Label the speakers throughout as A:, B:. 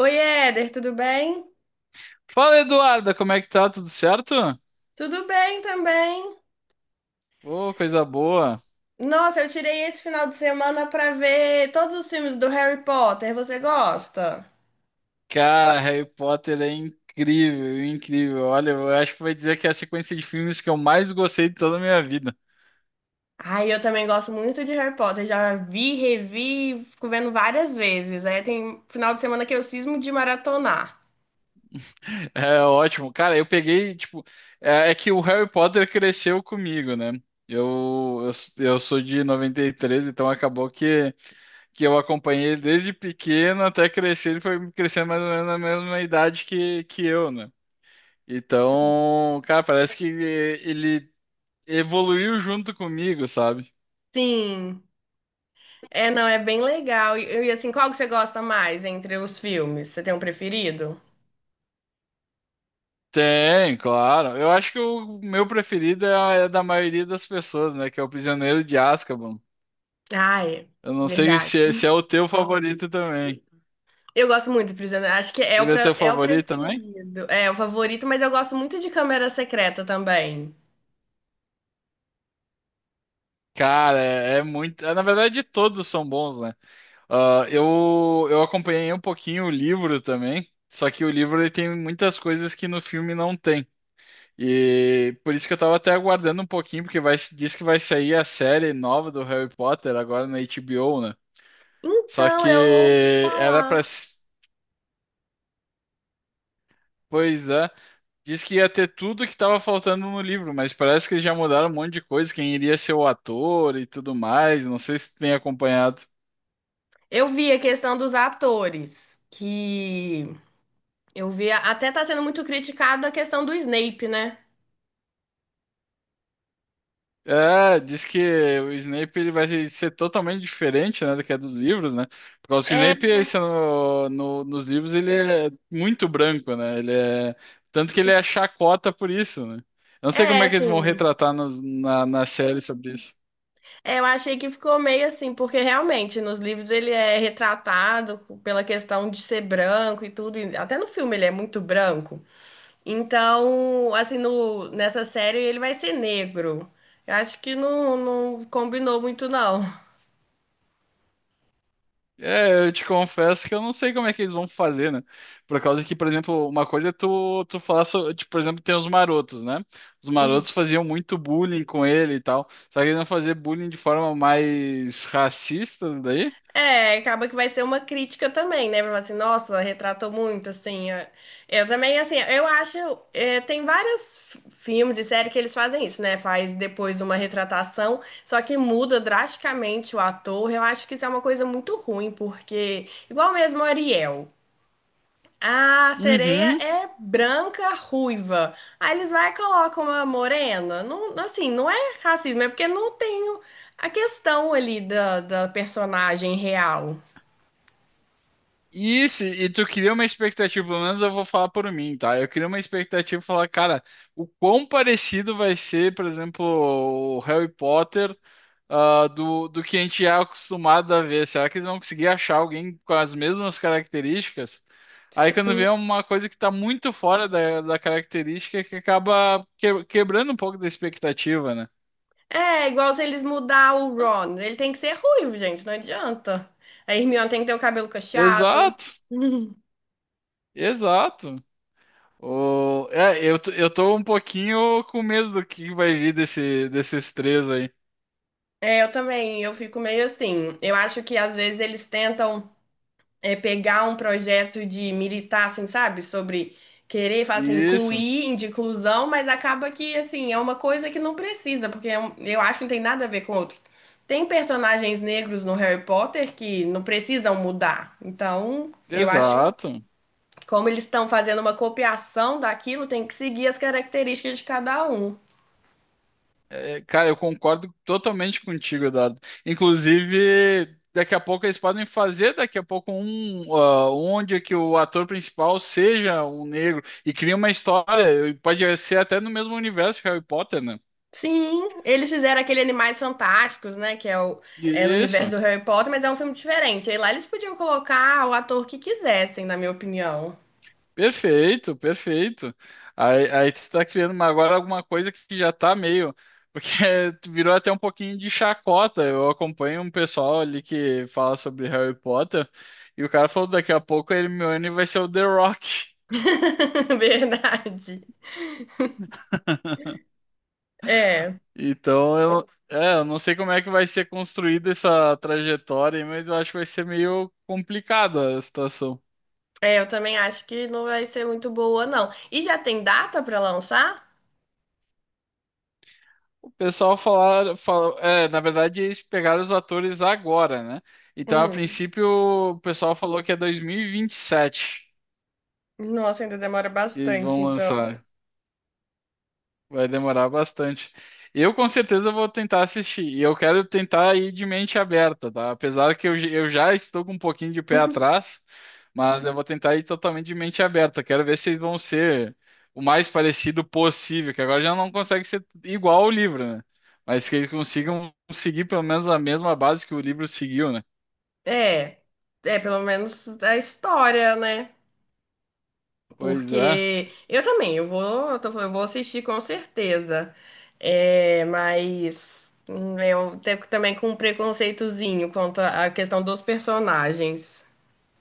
A: Oi, Éder, tudo bem?
B: Fala, Eduarda, como é que tá? Tudo certo?
A: Tudo bem também.
B: Ô, coisa boa.
A: Nossa, eu tirei esse final de semana pra ver todos os filmes do Harry Potter. Você gosta?
B: Cara, Harry Potter é incrível, incrível. Olha, eu acho que vai dizer que é a sequência de filmes que eu mais gostei de toda a minha vida.
A: Ai, eu também gosto muito de Harry Potter. Já vi, revi, fico vendo várias vezes. Aí tem final de semana que eu cismo de maratonar.
B: É ótimo. Cara, eu peguei, tipo, é que o Harry Potter cresceu comigo, né? Eu, eu sou de 93, então acabou que eu acompanhei ele desde pequeno até crescer. Ele foi crescendo mais ou menos na mesma idade que eu, né? Então, cara, parece que ele evoluiu junto comigo, sabe?
A: Sim. É, não, é bem legal. E assim, qual que você gosta mais entre os filmes? Você tem um preferido?
B: Tem, claro. Eu acho que o meu preferido é, é da maioria das pessoas, né? Que é o Prisioneiro de Azkaban.
A: Ai,
B: Eu não sei se,
A: verdade.
B: se é o teu favorito também.
A: Eu gosto muito de Prisioneiro. Acho que é o,
B: Ele é teu
A: pra- é o
B: favorito também?
A: preferido. É o favorito, mas eu gosto muito de Câmara Secreta também.
B: Cara, é muito. É, na verdade, todos são bons, né? Ah, eu acompanhei um pouquinho o livro também. Só que o livro ele tem muitas coisas que no filme não tem. E por isso que eu tava até aguardando um pouquinho, porque vai, diz que vai sair a série nova do Harry Potter agora na HBO, né? Só
A: Então, eu ouvi
B: que era pra.
A: falar.
B: s- Pois é. Diz que ia ter tudo que tava faltando no livro, mas parece que eles já mudaram um monte de coisa, quem iria ser o ator e tudo mais. Não sei se tu tem acompanhado.
A: Eu vi a questão dos atores, que eu vi até tá sendo muito criticada a questão do Snape, né?
B: É, diz que o Snape ele vai ser totalmente diferente, né, do que é dos livros, né? Porque o
A: É,
B: Snape, esse é nos livros, ele é muito branco, né? Ele é... Tanto que ele é chacota por isso, né? Eu não sei
A: é
B: como é que eles vão
A: assim.
B: retratar na série sobre isso.
A: É, eu achei que ficou meio assim, porque realmente nos livros ele é retratado pela questão de ser branco e tudo, e até no filme ele é muito branco. Então, assim, no, nessa série ele vai ser negro. Eu acho que não, não combinou muito, não.
B: É, eu te confesso que eu não sei como é que eles vão fazer, né? Por causa que, por exemplo, uma coisa é tu, tu falar, tipo, por exemplo, tem os marotos, né? Os marotos faziam muito bullying com ele e tal. Só que eles vão fazer bullying de forma mais racista daí?
A: É, acaba que vai ser uma crítica também, né? Vai falar assim, nossa, retratou muito, assim. É. Eu também, assim, eu acho. Tem vários filmes e séries que eles fazem isso, né? Faz depois uma retratação, só que muda drasticamente o ator. Eu acho que isso é uma coisa muito ruim, porque. Igual mesmo o Ariel. A sereia
B: Uhum.
A: é branca, ruiva. Aí eles vai e colocam uma morena. Não, assim, não é racismo, é porque não tem a questão ali da personagem real.
B: E, se, e tu cria uma expectativa, pelo menos eu vou falar por mim, tá? Eu queria uma expectativa e falar, cara, o quão parecido vai ser, por exemplo, o Harry Potter. Ah, do que a gente é acostumado a ver. Será que eles vão conseguir achar alguém com as mesmas características? Aí quando
A: Sim.
B: vê uma coisa que está muito fora da característica que acaba quebrando um pouco da expectativa, né?
A: É igual se eles mudar o Ron. Ele tem que ser ruivo, gente, não adianta. A Hermione tem que ter o cabelo cacheado.
B: Exato, exato. O, é, eu tô um pouquinho com medo do que vai vir desses três aí.
A: É, eu também, eu fico meio assim. Eu acho que às vezes eles tentam. Pegar um projeto de militar, assim, sabe? Sobre querer, falar assim,
B: Isso,
A: incluir, de inclusão, mas acaba que, assim, é uma coisa que não precisa, porque eu acho que não tem nada a ver com o outro. Tem personagens negros no Harry Potter que não precisam mudar. Então, eu acho que
B: exato.
A: como eles estão fazendo uma copiação daquilo, tem que seguir as características de cada um.
B: É, cara, eu concordo totalmente contigo, Eduardo. Inclusive, daqui a pouco eles podem fazer, daqui a pouco, um, ah, onde que o ator principal seja um negro e cria uma história. Pode ser até no mesmo universo que Harry Potter, né?
A: Sim, eles fizeram aquele Animais Fantásticos, né? Que é no universo
B: Isso.
A: do Harry Potter, mas é um filme diferente. Aí lá eles podiam colocar o ator que quisessem, na minha opinião.
B: Perfeito, perfeito. Aí, tu tá criando uma- agora alguma coisa que já tá meio. Porque tu virou até um pouquinho de chacota. Eu acompanho um pessoal ali que fala sobre Harry Potter. E o cara falou: daqui a pouco a Hermione vai ser o The Rock.
A: Verdade. É,
B: Então eu, é, eu não sei como é que vai ser construída essa trajetória, aí, mas eu acho que vai ser meio complicada a situação.
A: é, eu também acho que não vai ser muito boa, não. E já tem data pra lançar?
B: O pessoal é, na verdade eles pegaram os atores agora, né? Então, a
A: Hum,
B: princípio, o pessoal falou que é 2027
A: nossa, ainda demora
B: que eles
A: bastante,
B: vão
A: então.
B: lançar. Vai demorar bastante. Eu com certeza vou tentar assistir. E eu quero tentar ir de mente aberta, tá? Apesar que eu já estou com um pouquinho de pé atrás, mas eu vou tentar ir totalmente de mente aberta. Quero ver se vocês vão ser o mais parecido possível, que agora já não consegue ser igual ao livro, né? Mas que eles consigam seguir pelo menos a mesma base que o livro seguiu, né?
A: É, é pelo menos a história, né?
B: Pois é.
A: Porque eu também, eu vou, eu tô falando, eu vou assistir com certeza. É, mas eu tenho também com um preconceitozinho quanto à questão dos personagens.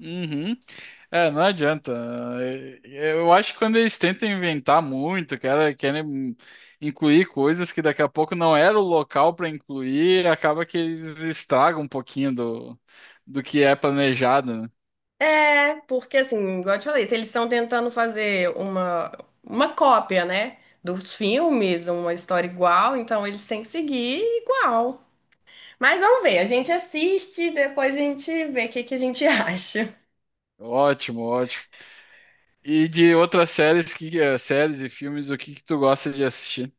B: Uhum. É, não adianta. É, eu acho que quando eles tentam inventar muito, cara, querem incluir coisas que daqui a pouco não era o local para incluir, acaba que eles estragam um pouquinho do, do que é planejado, né?
A: É, porque assim, igual eu te falei, se eles estão tentando fazer uma cópia, né, dos filmes, uma história igual, então eles têm que seguir igual. Mas vamos ver, a gente assiste, e depois a gente vê o que que a gente acha.
B: Ótimo, ótimo. E de outras séries que eh, séries e filmes, o que que tu gosta de assistir?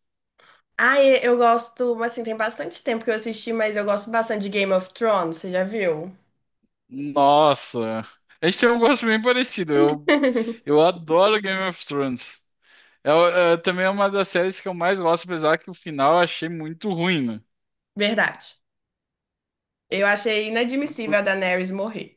A: Ah, eu gosto, assim, tem bastante tempo que eu assisti, mas eu gosto bastante de Game of Thrones, você já viu?
B: Nossa, a gente tem um gosto bem parecido. Eu adoro Game of Thrones. É, é, também é uma das séries que eu mais gosto, apesar que o final eu achei muito ruim, né?
A: Verdade. Eu achei
B: Tu-
A: inadmissível
B: por-
A: a Daenerys morrer.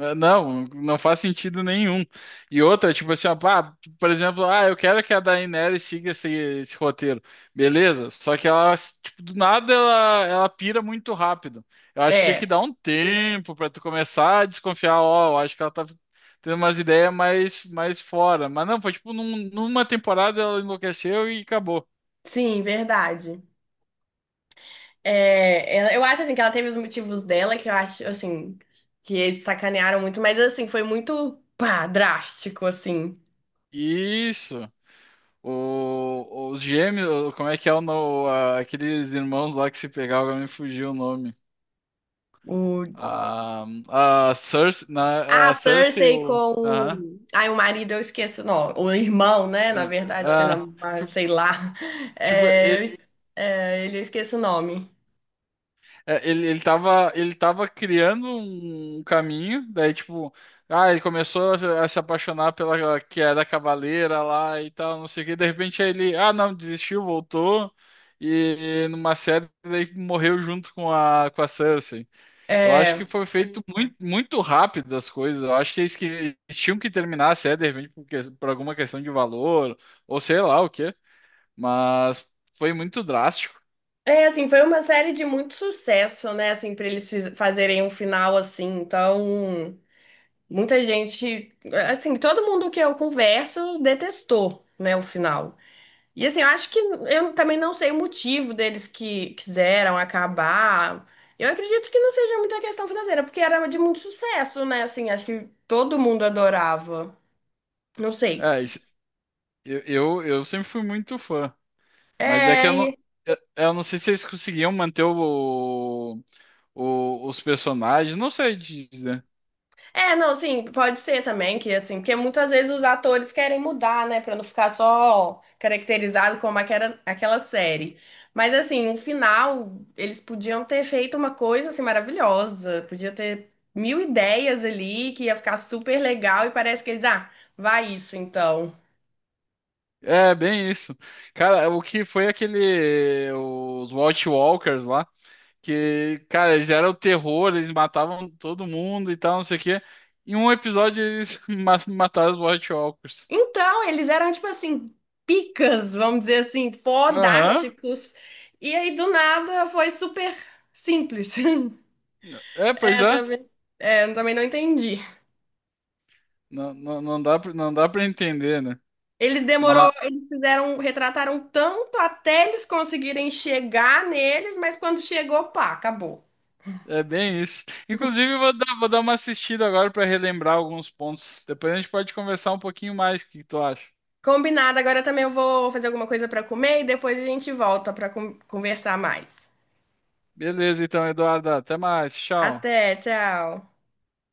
B: Não, não faz sentido nenhum. E outra, tipo assim, ó, pá, por exemplo, ah, eu quero que a Daenerys siga esse roteiro. Beleza, só que ela, tipo, do nada ela pira muito rápido. Eu acho que tinha que
A: É,
B: dar um tempo pra tu começar a desconfiar, ó, eu acho que ela tá tendo umas ideias mais, mais fora. Mas não, foi tipo, numa temporada ela enlouqueceu e acabou.
A: sim, verdade. É, eu acho, assim, que ela teve os motivos dela, que eu acho, assim, que eles sacanearam muito, mas, assim, foi muito, pá, drástico, assim.
B: Isso. O, os gêmeos, como é que é o no, a- aqueles irmãos lá que se pegavam, agora me fugiu o nome. A, é
A: Ah,
B: a Cersei,
A: Cersei
B: o.
A: com
B: Aham.
A: o. Ai, o marido, eu esqueço. Não, o irmão, né? Na
B: a-
A: verdade, que é
B: a-
A: na,
B: tipo,
A: sei lá.
B: tipo,
A: É,
B: e-
A: ele eu esqueço o nome.
B: ele tava criando um caminho, daí, tipo, ah, ele começou a, se apaixonar pela que era cavaleira lá e tal, não sei o que, de repente aí ele, ah, não, desistiu, voltou, e, numa série, daí morreu junto com a Cersei. Eu acho
A: É...
B: que foi feito muito, muito rápido as coisas. Eu acho que que eles tinham que terminar a série, de repente, por alguma questão de valor, ou sei lá o quê. Mas foi muito drástico.
A: é, assim, foi uma série de muito sucesso, né? Assim, pra eles fazerem um final assim. Então, muita gente. Assim, todo mundo que eu converso detestou, né? O final. E assim, eu acho que eu também não sei o motivo deles que quiseram acabar. Eu acredito que não seja muita questão financeira, porque era de muito sucesso, né? Assim, acho que todo mundo adorava. Não sei.
B: É, eu sempre fui muito fã. Mas é que
A: É,
B: eu não sei se eles conseguiam manter o, os personagens. Não sei dizer.
A: É, não, sim, pode ser também que assim, porque muitas vezes os atores querem mudar, né, pra não ficar só caracterizado como aquela série. Mas assim, no final eles podiam ter feito uma coisa assim maravilhosa, podia ter mil ideias ali que ia ficar super legal e parece que eles, vai isso então.
B: É, bem isso. Cara, o que foi aquele. Os Watchwalkers lá. Que, cara, eles eram o terror, eles matavam todo mundo e tal, não sei o quê. Em um episódio eles mataram os White Walkers.
A: Então, eles eram tipo assim, picas, vamos dizer assim,
B: Aham.
A: fodásticos. E aí do nada foi super simples.
B: É,
A: É,
B: pois
A: eu
B: é.
A: também, é, eu também não entendi.
B: Não, não dá pra entender, né?
A: Eles demorou,
B: Mas
A: eles fizeram, retrataram tanto até eles conseguirem chegar neles, mas quando chegou, pá, acabou.
B: é bem isso. Inclusive, vou dar uma assistida agora pra relembrar alguns pontos. Depois a gente pode conversar um pouquinho mais. O que que tu acha?
A: Combinado, agora também eu vou fazer alguma coisa para comer e depois a gente volta para conversar mais.
B: Beleza, então, Eduardo. Até mais. Tchau.
A: Até, tchau.